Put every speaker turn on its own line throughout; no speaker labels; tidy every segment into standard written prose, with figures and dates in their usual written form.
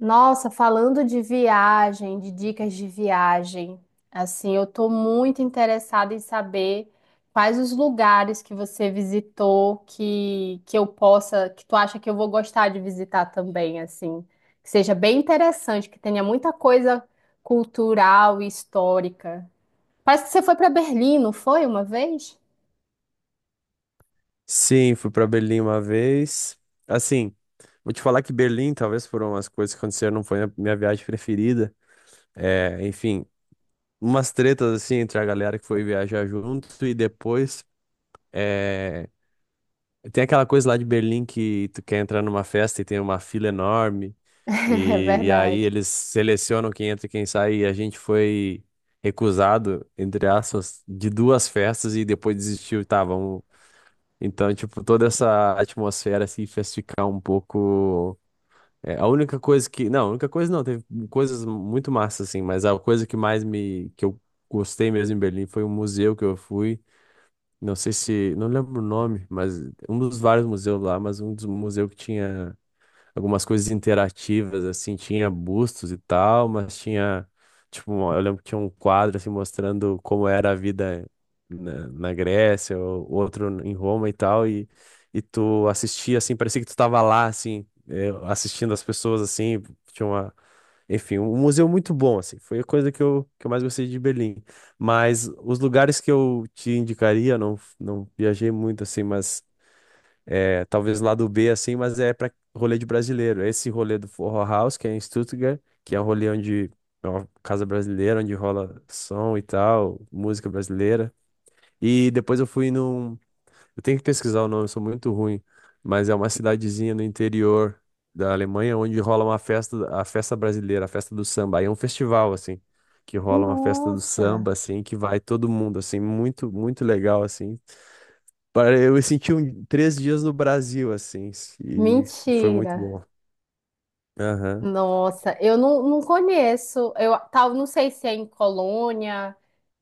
Nossa, falando de viagem, de dicas de viagem, assim, eu tô muito interessada em saber quais os lugares que você visitou que eu possa, que tu acha que eu vou gostar de visitar também, assim, que seja bem interessante, que tenha muita coisa cultural e histórica. Parece que você foi para Berlim, não foi uma vez?
Sim, fui para Berlim uma vez. Assim, vou te falar que Berlim, talvez por umas coisas que aconteceram, não foi a minha viagem preferida. É, enfim, umas tretas assim entre a galera que foi viajar junto e depois é, tem aquela coisa lá de Berlim que tu quer entrar numa festa e tem uma fila enorme
É
e aí
verdade.
eles selecionam quem entra e quem sai e a gente foi recusado, entre aspas, de duas festas e depois desistiu. Tá, vamos então, tipo, toda essa atmosfera assim fez ficar um pouco. É, a única coisa que. Não, a única coisa não, teve coisas muito massas, assim, mas a coisa que mais me. Que eu gostei mesmo em Berlim foi um museu que eu fui. Não sei se. Não lembro o nome, mas um dos vários museus lá, mas um dos museus que tinha algumas coisas interativas, assim, tinha bustos e tal, mas tinha, tipo, eu lembro que tinha um quadro, assim, mostrando como era a vida na Grécia, ou outro em Roma e tal, e tu assistia, assim, parecia que tu tava lá, assim, assistindo as pessoas, assim, tinha uma... Enfim, um museu muito bom, assim, foi a coisa que eu mais gostei de Berlim. Mas os lugares que eu te indicaria, não viajei muito, assim, mas é, talvez lá do B, assim, mas é para rolê de brasileiro. Esse rolê do Forró House, que é em Stuttgart, que é um rolê onde é uma casa brasileira, onde rola som e tal, música brasileira. E depois eu fui num. Eu tenho que pesquisar o nome, eu sou muito ruim, mas é uma cidadezinha no interior da Alemanha onde rola uma festa, a festa brasileira, a festa do samba. Aí é um festival, assim, que rola uma festa do
Nossa,
samba, assim, que vai todo mundo, assim, muito, muito legal, assim. Eu senti um, três dias no Brasil, assim, e foi
mentira.
muito bom. Aham.
Nossa, eu não conheço. Eu tal, não sei se é em Colônia,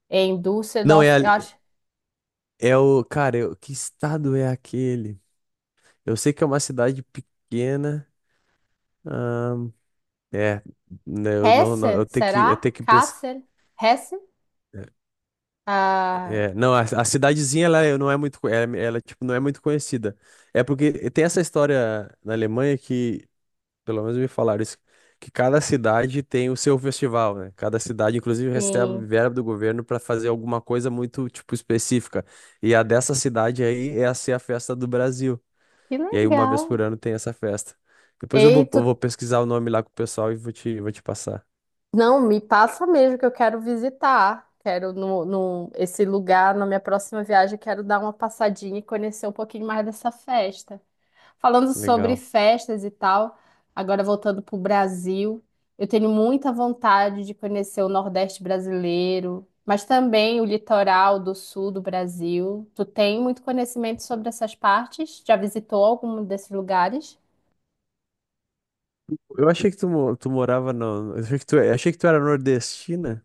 é em
Não, é,
Düsseldorf, eu
ali-
acho.
é o. Cara, que estado é aquele? Eu sei que é uma cidade pequena. ahn, é, né, eu não, não-
Hesse,
eu tenho que,
será?
eu tenho que pesquisar.
Kassel? Hesse? Ah,
Não, a cidadezinha não é muito, ela, tipo, não é muito conhecida. É porque tem essa história na Alemanha que pelo menos me falaram isso, que cada cidade tem o seu festival, né? Cada cidade, inclusive, recebe
sim.
verba do governo para fazer alguma coisa muito, tipo, específica. E a dessa cidade aí é a ser a festa do Brasil.
Que
E aí, uma
legal.
vez por ano tem essa festa. Depois eu vou,
Eita,
eu vou pesquisar o nome lá com o pessoal e vou te passar.
não, me passa mesmo que eu quero visitar. Quero no, no, esse lugar, na minha próxima viagem, quero dar uma passadinha e conhecer um pouquinho mais dessa festa. Falando sobre
Legal.
festas e tal, agora voltando para o Brasil, eu tenho muita vontade de conhecer o Nordeste brasileiro, mas também o litoral do sul do Brasil. Tu tem muito conhecimento sobre essas partes? Já visitou algum desses lugares?
Eu achei tu morava no... eu achei que tu era nordestina.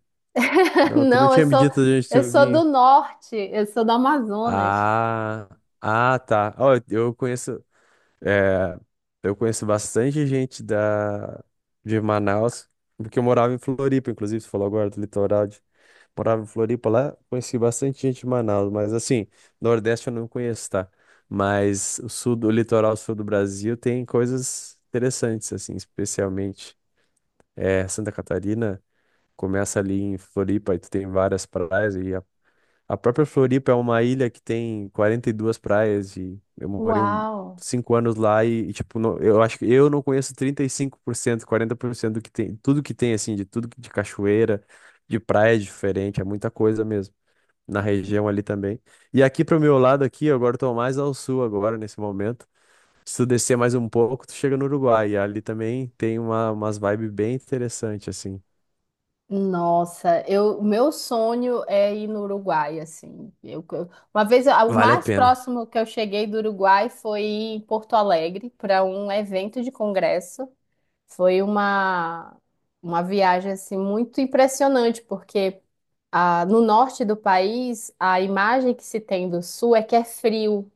Não, tu não
Não,
tinha me dito de onde
eu
tu
sou do
vinha.
norte, eu sou do Amazonas.
Ah, tá. Ó, eu conheço. É, eu conheço bastante gente de Manaus, porque eu morava em Floripa, inclusive, você falou agora do litoral. De, morava em Floripa lá, conheci bastante gente de Manaus, mas assim, Nordeste eu não conheço, tá? Mas o litoral sul do Brasil tem coisas interessantes, assim, especialmente Santa Catarina. Começa ali em Floripa e tu tem várias praias e a própria Floripa é uma ilha que tem 42 praias e eu morei
Uau!
5 anos lá e, tipo, eu acho que eu não conheço 35% 40% do que tem, tudo que tem, assim, de tudo que- de cachoeira, de praia diferente, é muita coisa mesmo, na região ali também. E aqui pro meu lado aqui, eu agora tô mais ao sul agora, nesse momento. Se tu descer mais um pouco, tu chega no Uruguai e ali também tem umas vibes bem interessantes, assim.
Nossa, eu, o meu sonho é ir no Uruguai, assim. Uma vez, a- o
Vale a
mais
pena.
próximo que eu cheguei do Uruguai foi em Porto Alegre para um evento de congresso. Foi uma, uma viagem assim muito impressionante, porque ah, no norte do país a imagem que se tem do sul é que é frio.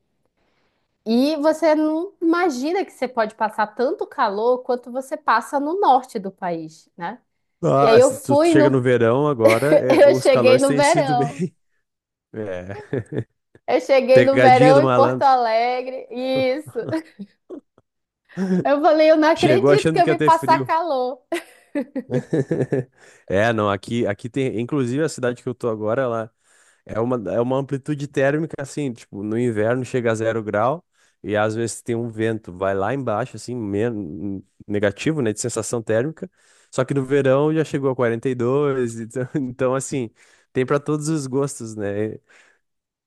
E você não imagina que você pode passar tanto calor quanto você passa no norte do país, né? E aí eu
Nossa, tu
fui
chega no
no
verão agora, é,
Eu
os
cheguei
calores
no
têm sido
verão.
bem. É.
Eu cheguei no
Pegadinha
verão
do
em Porto
malandro.
Alegre, isso. Eu falei, eu não
Chegou
acredito que
achando
eu
que ia
vim
ter
passar
frio.
calor
É, não, aqui tem. Inclusive a cidade que eu tô agora, é uma amplitude térmica, assim, tipo, no inverno chega a zero grau e às vezes tem um vento, vai lá embaixo, assim, negativo, né, de sensação térmica. Só que no verão já chegou a 42, então, então assim, tem para todos os gostos, né?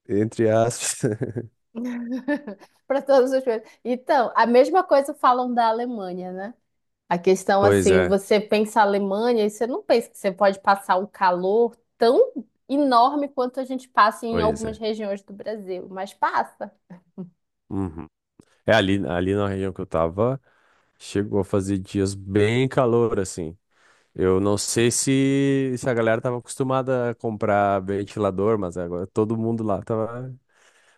Entre aspas.
para todas as coisas. Então, a mesma coisa falam da Alemanha, né? A questão
Pois
assim,
é,
você pensa a Alemanha e você não pensa que você pode passar um calor tão enorme quanto a gente passa em
pois
algumas
é.
regiões do Brasil, mas passa.
Uhum. É ali na região que eu tava, chegou a fazer dias bem calor, assim. Eu não sei se a galera tava acostumada a comprar ventilador, mas agora todo mundo lá tava.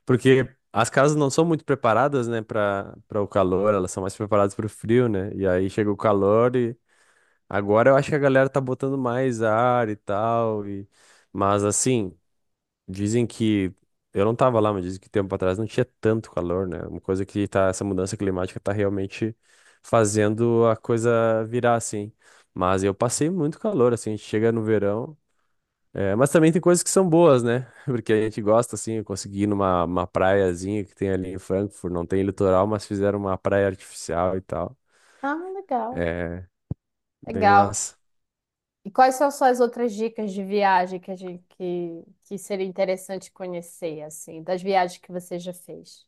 Porque as casas não são muito preparadas, né, para o calor, elas são mais preparadas para o frio, né? E aí chega o calor e agora eu acho que a galera tá botando mais ar e tal. E... Mas assim. Dizem que. Eu não tava lá, mas dizem que tempo atrás não tinha tanto calor, né? Uma coisa que tá. Essa mudança climática tá realmente fazendo a coisa virar assim. Mas eu passei muito calor, assim. A gente chega no verão. É, mas também tem coisas que são boas, né? Porque a gente gosta, assim, eu consegui ir numa uma praiazinha que tem ali em Frankfurt, não tem litoral, mas fizeram uma praia artificial e tal.
Ah, legal,
É, bem
legal.
massa.
E quais são suas outras dicas de viagem que a gente que seria interessante conhecer, assim, das viagens que você já fez?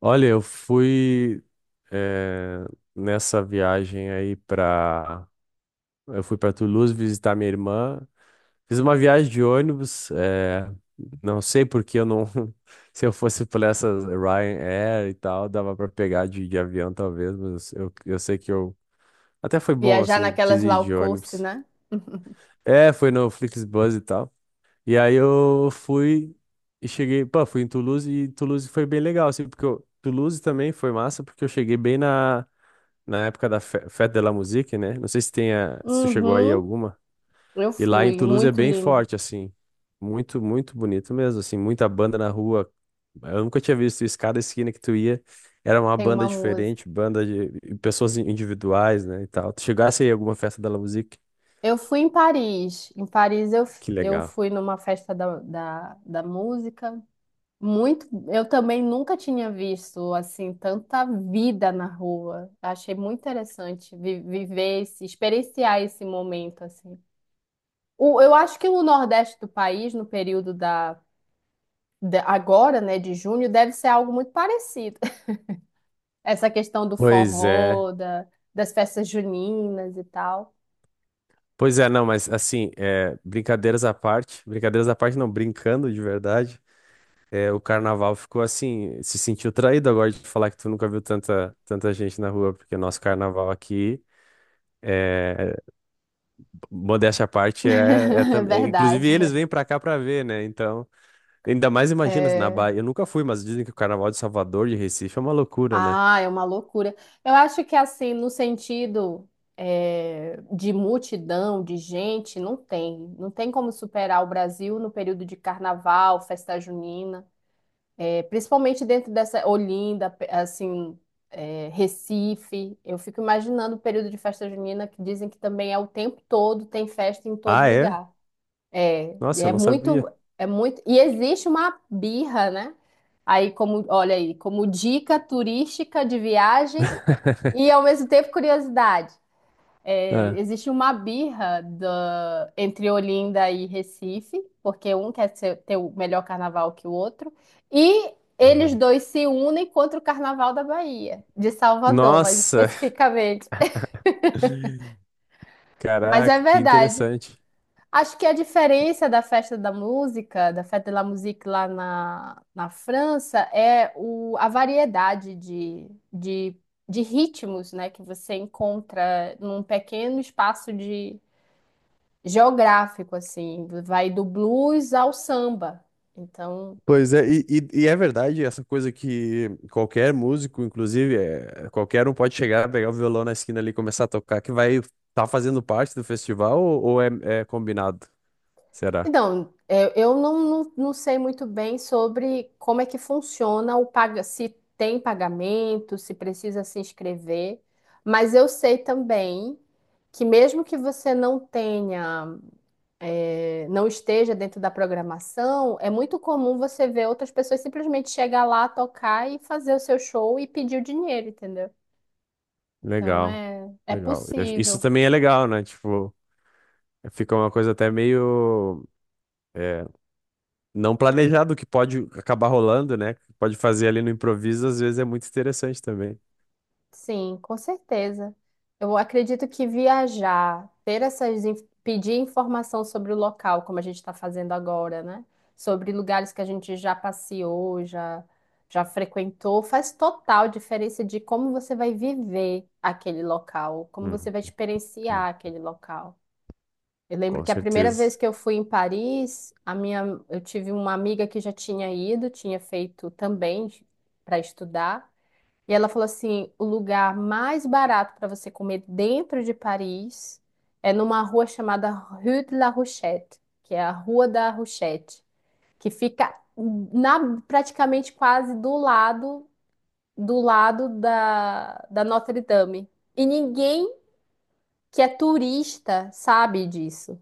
Olha, eu fui, eh, nessa viagem aí pra. Eu fui para Toulouse visitar minha irmã. Fiz uma viagem de ônibus. É não sei porque eu não. Se eu fosse por essas Ryanair e tal, dava para pegar de avião talvez, eu sei que eu. Até foi bom,
Viajar
assim, eu quis
naquelas
ir
low
de
cost,
ônibus.
né?
É, foi no Flixbus e tal. E aí eu fui e cheguei. Pô, fui em Toulouse e Toulouse foi bem legal, assim, Toulouse também foi massa, porque eu cheguei bem na época da Fête de la Musique, né? Não sei se tem a, se tu chegou aí
Uhum,
alguma.
eu
E lá em
fui,
Toulouse é
muito
bem
lindo.
forte, assim. Muito bonito mesmo, assim. Muita banda na rua. Eu nunca tinha visto isso. Cada esquina que tu ia era uma
Tem
banda
uma música.
diferente, banda de e pessoas individuais, né, e tal. Tu chegasse aí em alguma festa da La Musique?
Eu fui em Paris. Em Paris eu,
Que
f- eu
legal.
fui numa festa da música. Muito, eu também nunca tinha visto assim tanta vida na rua. Achei muito interessante vi- viver esse, experienciar esse momento assim. O- eu acho que o Nordeste do país, no período da, da- agora, né, de junho, deve ser algo muito parecido. Essa questão do
Pois é.
forró, da- das festas juninas e tal.
Não, mas assim, é, brincadeiras à parte, não, brincando de verdade, é, o carnaval ficou assim, se sentiu traído agora de falar que tu nunca viu tanta gente na rua, porque nosso carnaval aqui. é, Modéstia à parte
É
inclusive
verdade.
eles vêm pra cá pra ver, né? Então, ainda mais imagina se na
É.
Bahia. Eu nunca fui, mas dizem que o Carnaval de Salvador de Recife é uma loucura, né?
Ah, é uma loucura. Eu acho que assim, no sentido é, de multidão, de gente, não tem. Não tem como superar o Brasil no período de carnaval, festa junina. É, principalmente dentro dessa Olinda, pe- assim, é, Recife. Eu fico imaginando o período de festa junina que dizem que também é o tempo todo, tem festa em todo
Ah, é?
lugar. É,
Nossa, eu
é
não sabia.
muito, é muito. E existe uma birra, né? Aí, como, olha aí, como dica turística de viagem e ao mesmo tempo curiosidade. É,
Ah,
existe uma birra da- entre Olinda e Recife, porque um quer ser- ter o melhor carnaval que o outro, e eles
uhum.
dois se unem contra o carnaval da Bahia, de Salvador, mais
Nossa,
especificamente. Mas é
caraca, que
verdade.
interessante.
Acho que a diferença da festa da música, da Fête de la Musique lá na França, é o, a variedade de ritmos, né, que você encontra num pequeno espaço geográfico, assim, vai do blues ao samba. Então,
Pois é, e é verdade essa coisa que qualquer músico, inclusive, é, qualquer um pode chegar, pegar o violão na esquina ali e começar a tocar, que vai estar tá fazendo parte do festival é combinado? Será?
então, é, eu não sei muito bem sobre como é que funciona o paga, se tem pagamento, se precisa se inscrever, mas eu sei também que mesmo que você não tenha, não esteja dentro da programação, é muito comum você ver outras pessoas simplesmente chegar lá, tocar e fazer o seu show e pedir o dinheiro, entendeu? Então
Legal,
é, é
legal. Isso
possível.
também é legal, né? Tipo, fica uma coisa até meio é, não planejado que pode acabar rolando, né? Pode fazer ali no improviso, às vezes é muito interessante também.
Sim, com certeza. Eu acredito que viajar, ter essas, in- pedir informação sobre o local, como a gente está fazendo agora, né? Sobre lugares que a gente já passeou, já, já frequentou, faz total diferença de como você vai viver aquele local, como você
Hum,
vai experienciar
hum,
aquele local. Eu lembro
com
que a primeira vez
certeza.
que eu fui em Paris, a minha, eu tive uma amiga que já tinha ido, tinha feito também para estudar. E ela falou assim: o lugar mais barato para você comer dentro de Paris é numa rua chamada Rue de la Rochette, que é a Rua da Rochette, que fica na, praticamente quase do lado da Notre Dame. E ninguém que é turista sabe disso.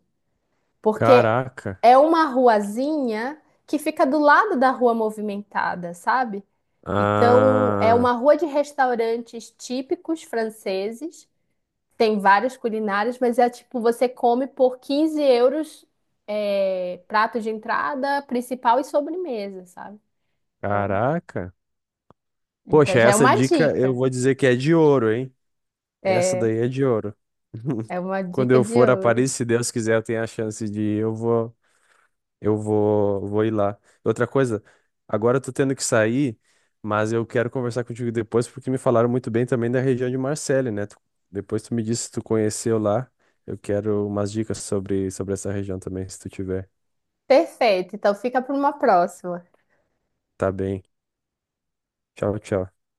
Porque
Caraca.
é uma ruazinha que fica do lado da rua movimentada, sabe? Então, é uma
Ah,
rua de restaurantes típicos franceses, tem várias culinárias, mas é tipo, você come por 15 euros, é, prato de entrada, principal e sobremesa, sabe? Então,
caraca.
então
Poxa,
já é
essa
uma
dica eu
dica.
vou dizer que é de ouro, hein? Essa
É,
daí é de ouro.
é uma
Quando
dica
eu
de
for a
ouro.
Paris, se Deus quiser, eu tenho a chance de ir, vou ir lá. Outra coisa, agora eu tô tendo que sair, mas eu quero conversar contigo depois porque me falaram muito bem também da região de Marselha, né? Depois tu me disse se tu conheceu lá. Eu quero umas dicas sobre essa região também, se tu tiver.
Perfeito, então fica para uma próxima.
Tá bem. Tchau, tchau.